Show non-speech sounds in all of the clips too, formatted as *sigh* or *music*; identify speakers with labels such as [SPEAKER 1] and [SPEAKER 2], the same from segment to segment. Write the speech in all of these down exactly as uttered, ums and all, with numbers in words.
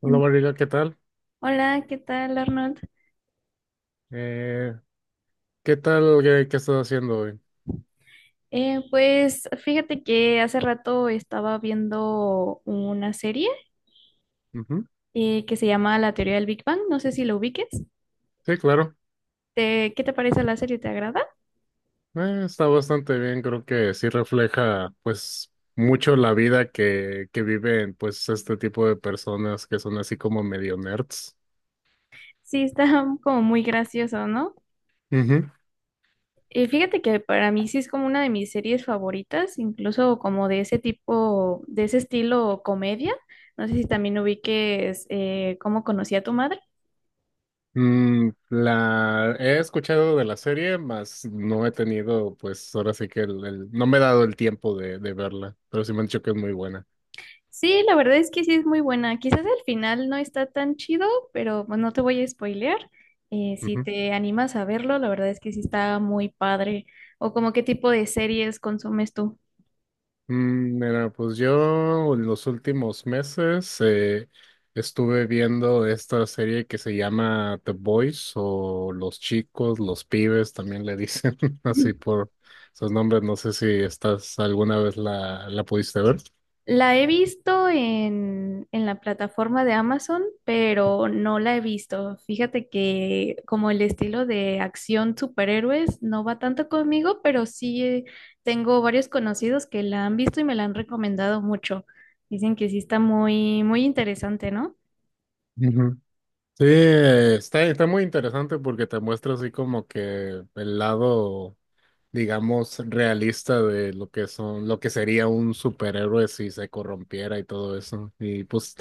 [SPEAKER 1] Hola
[SPEAKER 2] En-
[SPEAKER 1] María, ¿qué tal?
[SPEAKER 2] Hola, ¿qué tal, Arnold?
[SPEAKER 1] Eh, ¿qué tal? ¿Qué, ¿qué estás haciendo hoy?
[SPEAKER 2] Eh, pues fíjate que hace rato estaba viendo una serie
[SPEAKER 1] Ujú.
[SPEAKER 2] eh, que se llama La Teoría del Big Bang. No sé si lo ubiques.
[SPEAKER 1] Sí, claro.
[SPEAKER 2] ¿Te- ¿qué te parece la serie? ¿Te agrada?
[SPEAKER 1] Eh, está bastante bien, creo que sí refleja pues mucho la vida que, que viven pues este tipo de personas que son así como medio nerds.
[SPEAKER 2] Sí, está *laughs* como muy gracioso, ¿no?
[SPEAKER 1] Ujú.
[SPEAKER 2] Eh, fíjate que para mí sí es como una de mis series favoritas, incluso como de ese tipo, de ese estilo comedia. No sé si también ubiques eh, cómo conocí a tu madre.
[SPEAKER 1] Mm, la he escuchado de la serie, mas no he tenido pues ahora sí que el, el- no me he dado el tiempo de, de verla, pero sí me han dicho que es muy buena.
[SPEAKER 2] Sí, la verdad es que sí es muy buena. Quizás el final no está tan chido, pero pues, no te voy a spoilear. Eh, si te animas a verlo, la verdad es que sí está muy padre. ¿O como qué tipo de series consumes tú?
[SPEAKER 1] Mm, mira, pues yo en los últimos meses eh, estuve viendo esta serie que se llama The Boys o Los Chicos, Los Pibes, también le dicen *laughs* así
[SPEAKER 2] *laughs*
[SPEAKER 1] por esos nombres. No sé si estás alguna vez la, la pudiste ver.
[SPEAKER 2] La he visto en, en la plataforma de Amazon, pero no la he visto. Fíjate que como el estilo de acción superhéroes no va tanto conmigo, pero sí eh, tengo varios conocidos que la han visto y me la han recomendado mucho. Dicen que sí está muy, muy interesante, ¿no?
[SPEAKER 1] Ujú. Sí, eh, está, está muy interesante porque te muestra así como que el lado, digamos, realista de lo que son, lo que sería un superhéroe si se corrompiera y todo eso. Y pues,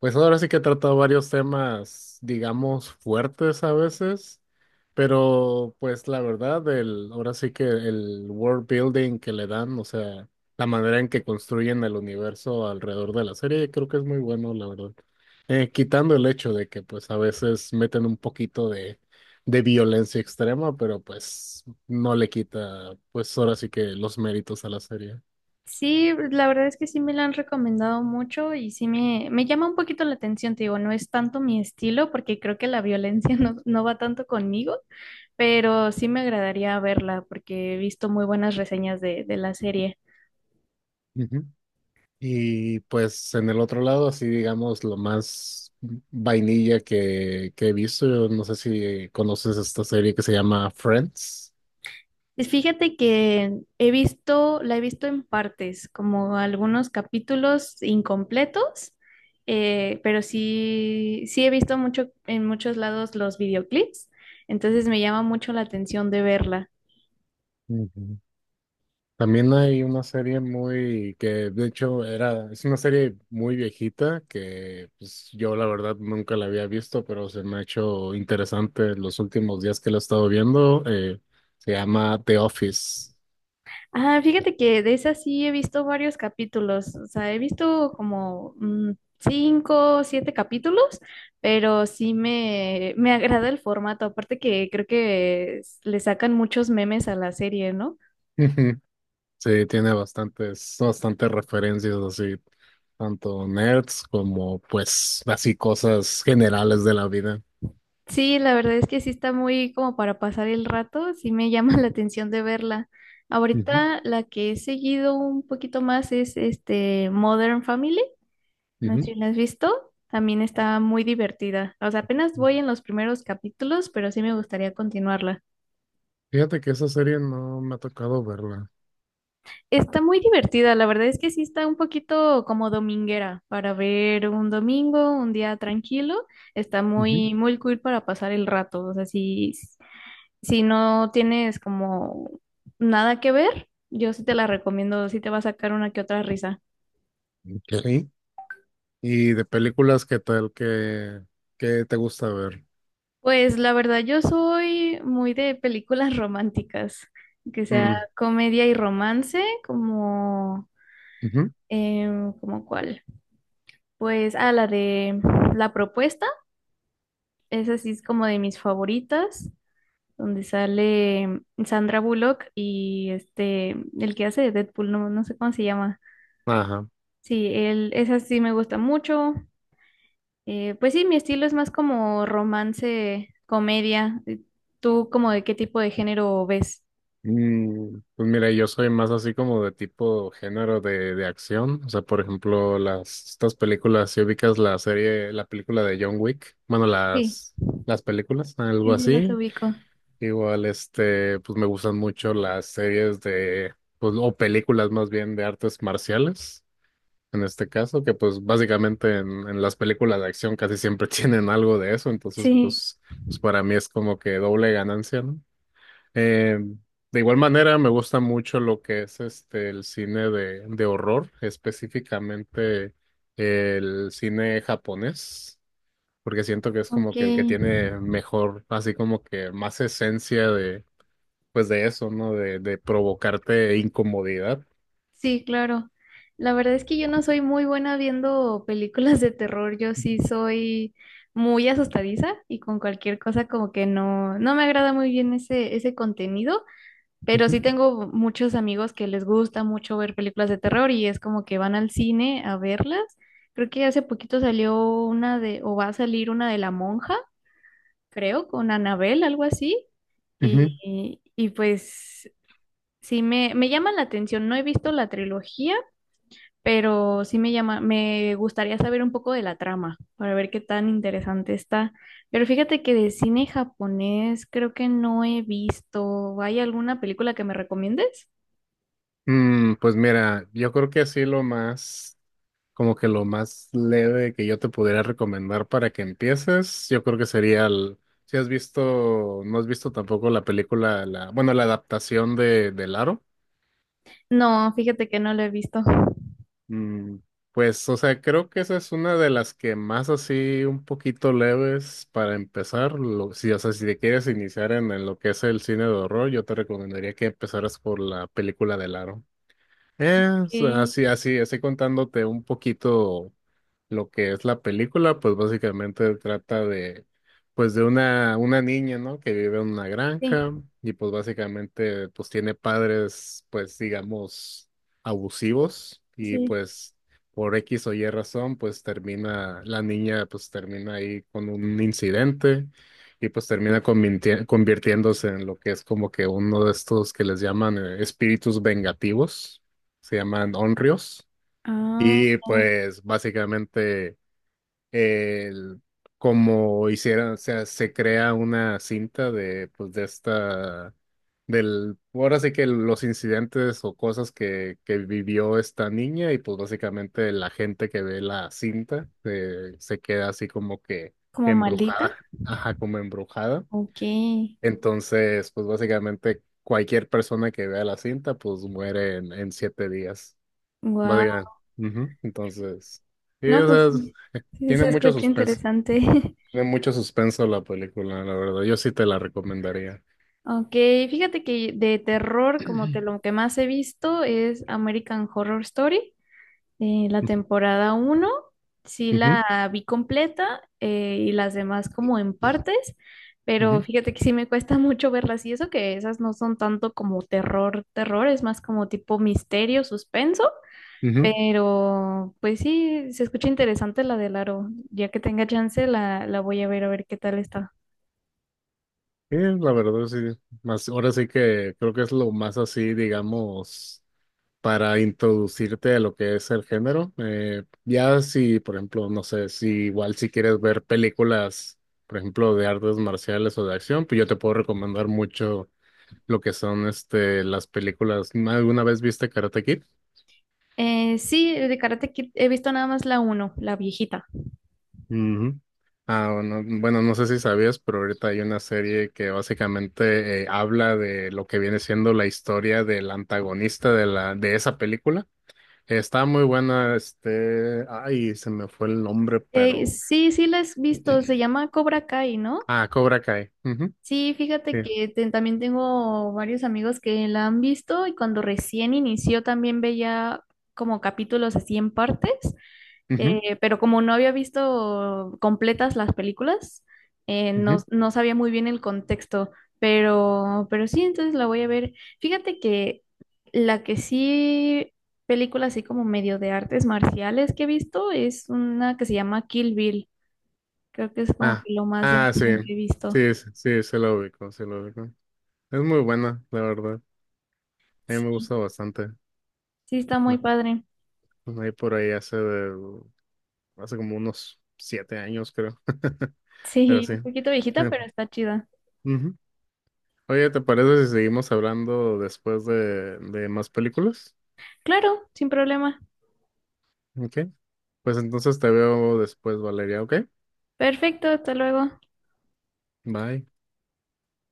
[SPEAKER 1] pues ahora sí que he tratado varios temas, digamos, fuertes a veces, pero pues la verdad, el, ahora sí que el world building que le dan, o sea, la manera en que construyen el universo alrededor de la serie, creo que es muy bueno, la verdad. Eh, quitando el hecho de que pues a veces meten un poquito de de violencia extrema, pero pues no le quita, pues ahora sí que los méritos a la serie.
[SPEAKER 2] Sí, la verdad es que sí me la han recomendado mucho y sí me, me llama un poquito la atención, te digo, no es tanto mi estilo porque creo que la violencia *laughs* no, no va tanto conmigo, pero sí me agradaría verla porque he visto muy buenas reseñas de, de la serie.
[SPEAKER 1] Ujú. Y pues en el otro lado, así digamos, lo más vainilla que, que he visto, yo no sé si conoces esta serie que se llama Friends.
[SPEAKER 2] Y fíjate que he visto, la he visto en partes, como algunos capítulos incompletos, eh, pero sí, sí he visto mucho en muchos lados los videoclips, entonces me llama mucho la atención de verla.
[SPEAKER 1] Ujú. También hay una serie muy que de hecho era, es una serie muy viejita que pues yo la verdad nunca la había visto, pero se me ha hecho interesante los últimos días que la he estado viendo. Eh, se llama The Office.
[SPEAKER 2] Ah, fíjate que de esa sí he visto varios capítulos, o sea, he visto como mm, cinco, siete capítulos, pero sí me, me agrada el formato, aparte que creo que es- le sacan muchos memes a la serie, ¿no?
[SPEAKER 1] *laughs* Sí, tiene bastantes, bastantes referencias así, tanto nerds como pues así cosas generales de la vida.
[SPEAKER 2] Sí, la verdad es que sí está muy como para pasar el rato, sí me llama *laughs* la atención de verla.
[SPEAKER 1] Ujú,
[SPEAKER 2] Ahorita la que he seguido un poquito más es este Modern Family. No
[SPEAKER 1] ujú.
[SPEAKER 2] sé si la has visto, también está muy divertida. O sea, apenas voy en los primeros capítulos, pero sí me gustaría continuarla.
[SPEAKER 1] Fíjate que esa serie no me ha tocado verla.
[SPEAKER 2] Está muy divertida, la verdad es que sí está un poquito como dominguera para ver un domingo, un día tranquilo. Está
[SPEAKER 1] Ujú.
[SPEAKER 2] muy, muy cool para pasar el rato. O sea, si, si no tienes como nada que ver, yo sí te la recomiendo, sí te va a sacar una que otra risa.
[SPEAKER 1] Ok. Y de películas, ¿qué tal? ¿Qué, qué te gusta ver?
[SPEAKER 2] Pues la verdad, yo soy muy de películas románticas, que sea
[SPEAKER 1] Mm,
[SPEAKER 2] comedia y romance, como,
[SPEAKER 1] ujú.
[SPEAKER 2] em, ¿como cuál? Pues ah la de La Propuesta, esa sí es como de mis favoritas, donde sale Sandra Bullock y este, el que hace de Deadpool, no, no sé cómo se llama.
[SPEAKER 1] Ajá.
[SPEAKER 2] Sí, él, esa sí me gusta mucho. Eh, pues sí, mi estilo es más como romance, comedia. ¿Tú como de qué tipo de género ves?
[SPEAKER 1] Mm, pues mira, yo soy más así como de tipo género de, de acción. O sea, por ejemplo, las estas películas, si ubicas la serie, la película de John Wick, bueno,
[SPEAKER 2] Sí.
[SPEAKER 1] las, las películas, algo
[SPEAKER 2] Sí, sí, las
[SPEAKER 1] así.
[SPEAKER 2] ubico.
[SPEAKER 1] Igual, este, pues me gustan mucho las series de, pues, o películas más bien de artes marciales, en este caso, que pues básicamente en, en las películas de acción casi siempre *laughs* tienen algo de eso. Entonces,
[SPEAKER 2] Sí,
[SPEAKER 1] pues, pues para mí es como que doble ganancia, ¿no? Eh, de igual manera, me gusta mucho lo que es este el cine de, de horror, específicamente el cine japonés, porque siento que es como
[SPEAKER 2] ok.
[SPEAKER 1] que el que tiene mejor, así como que más esencia de, pues de eso, ¿no? De, de provocarte incomodidad.
[SPEAKER 2] Sí, claro. La verdad es que yo no soy muy buena viendo películas de terror. Yo sí soy muy asustadiza y con cualquier cosa como que no, no me agrada muy bien ese, ese contenido, pero sí
[SPEAKER 1] Ujú.
[SPEAKER 2] tengo muchos amigos que les gusta mucho ver películas de terror y es como que van al cine a verlas. Creo que hace poquito salió una de, o va a salir una de La Monja, creo, con Anabel, algo así.
[SPEAKER 1] Ujú.
[SPEAKER 2] Y, y pues sí, me, me llama la atención. No he visto la trilogía, pero sí me llama, me gustaría saber un poco de la trama para ver qué tan interesante está. Pero fíjate que de cine japonés creo que no he visto. ¿Hay alguna película que me recomiendes?
[SPEAKER 1] Mm, pues mira, yo creo que así lo más, como que lo más leve que yo te pudiera recomendar para que empieces, yo creo que sería el, si has visto, no has visto tampoco la película, la, bueno, la adaptación de, de Laro,
[SPEAKER 2] No, fíjate que no lo he visto.
[SPEAKER 1] mm, pues, o sea, creo que esa es una de las que más así un poquito leves para empezar, lo, si, o sea, si te quieres iniciar en, en lo que es el cine de horror, yo te recomendaría que empezaras por la película de Laro.
[SPEAKER 2] Ok.
[SPEAKER 1] Es así, así, así contándote un poquito lo que es la película, pues básicamente trata de, pues de una, una niña, ¿no? Que vive en una granja
[SPEAKER 2] Sí,
[SPEAKER 1] y pues básicamente pues tiene padres, pues digamos, abusivos y
[SPEAKER 2] sí.
[SPEAKER 1] pues por X o Y razón, pues termina, la niña pues termina ahí con un incidente y pues termina convinti- convirtiéndose en lo que es como que uno de estos que les llaman eh, espíritus vengativos, se llaman Onryos.
[SPEAKER 2] Ah,
[SPEAKER 1] Y
[SPEAKER 2] ya.
[SPEAKER 1] pues básicamente el, como hicieron, o sea, se crea una cinta de pues de esta del ahora sí que los incidentes o cosas que, que vivió esta niña y pues básicamente la gente que ve la cinta eh, se queda así como que
[SPEAKER 2] ¿Como maldita?
[SPEAKER 1] embrujada, ajá, como embrujada.
[SPEAKER 2] Ok.
[SPEAKER 1] Entonces, pues básicamente cualquier persona que vea la cinta pues muere en, en siete días.
[SPEAKER 2] Wow.
[SPEAKER 1] Básicamente. Ujú. Entonces, sí,
[SPEAKER 2] No,
[SPEAKER 1] o
[SPEAKER 2] pues
[SPEAKER 1] sea, es-
[SPEAKER 2] sí, sí
[SPEAKER 1] tiene
[SPEAKER 2] se
[SPEAKER 1] mucho
[SPEAKER 2] escucha
[SPEAKER 1] suspenso.
[SPEAKER 2] interesante. *laughs*
[SPEAKER 1] Tiene mucho suspenso la película, la verdad. Yo sí te la recomendaría.
[SPEAKER 2] Ok, fíjate que de terror, como que lo
[SPEAKER 1] *clears throat*
[SPEAKER 2] que más he visto es American Horror Story, eh, la temporada uno sí
[SPEAKER 1] Ujú,
[SPEAKER 2] la vi completa, eh, y las demás como en partes, pero
[SPEAKER 1] ujú,
[SPEAKER 2] fíjate que sí me cuesta *laughs* mucho verlas y eso que esas no son tanto como terror, terror, es más como tipo misterio, suspenso,
[SPEAKER 1] ujú.
[SPEAKER 2] pero pues sí, se escucha interesante la del aro, ya que tenga chance la, la voy a ver a ver qué tal está.
[SPEAKER 1] Sí, la verdad, sí. Más, ahora sí que creo que es lo más así, digamos, para introducirte a lo que es el género. Eh, ya si, por ejemplo, no sé, si igual si quieres ver películas, por ejemplo, de artes marciales o de acción, pues yo te puedo recomendar mucho lo que son este las películas. ¿Alguna vez viste Karate Kid?
[SPEAKER 2] Eh, sí, de Karate Kid he visto nada más la uno, la viejita.
[SPEAKER 1] Ujú. Ah, bueno, bueno, no sé si sabías, pero ahorita hay una serie que básicamente eh, habla de lo que viene siendo la historia del antagonista de la de esa película. Está muy buena, este, ay, se me fue el nombre,
[SPEAKER 2] Eh,
[SPEAKER 1] pero
[SPEAKER 2] sí, sí la he visto, se llama Cobra Kai, ¿no?
[SPEAKER 1] ah, Cobra Kai. Ujú,
[SPEAKER 2] Sí,
[SPEAKER 1] sí,
[SPEAKER 2] fíjate que te- también tengo varios amigos que la han visto y cuando recién inició también veía como capítulos así en partes.
[SPEAKER 1] ujú,
[SPEAKER 2] Eh, pero como no había visto completas las películas, eh, no,
[SPEAKER 1] ujú.
[SPEAKER 2] no sabía muy bien el contexto, pero, pero sí, entonces la voy a ver. Fíjate que la que sí, película así como medio de artes marciales que he visto es una que se llama Kill Bill. Creo que es como
[SPEAKER 1] Ah,
[SPEAKER 2] que lo más de
[SPEAKER 1] ah, sí,
[SPEAKER 2] acción que he visto.
[SPEAKER 1] sí, sí, sí, se lo ubico, se lo ubico. Es muy buena, la verdad. A mí me
[SPEAKER 2] Sí,
[SPEAKER 1] gusta bastante,
[SPEAKER 2] sí, está muy padre.
[SPEAKER 1] pues, ahí por ahí hace, hace como unos siete años, creo. *laughs* Pero
[SPEAKER 2] Sí,
[SPEAKER 1] sí.
[SPEAKER 2] un poquito
[SPEAKER 1] *laughs*
[SPEAKER 2] viejita, pero está chida.
[SPEAKER 1] Ujú. Oye, ¿te parece si seguimos hablando después de, de más películas?
[SPEAKER 2] Claro, sin problema.
[SPEAKER 1] Ok. Pues entonces te veo después, Valeria, ¿ok?
[SPEAKER 2] Perfecto, hasta luego.
[SPEAKER 1] Bye.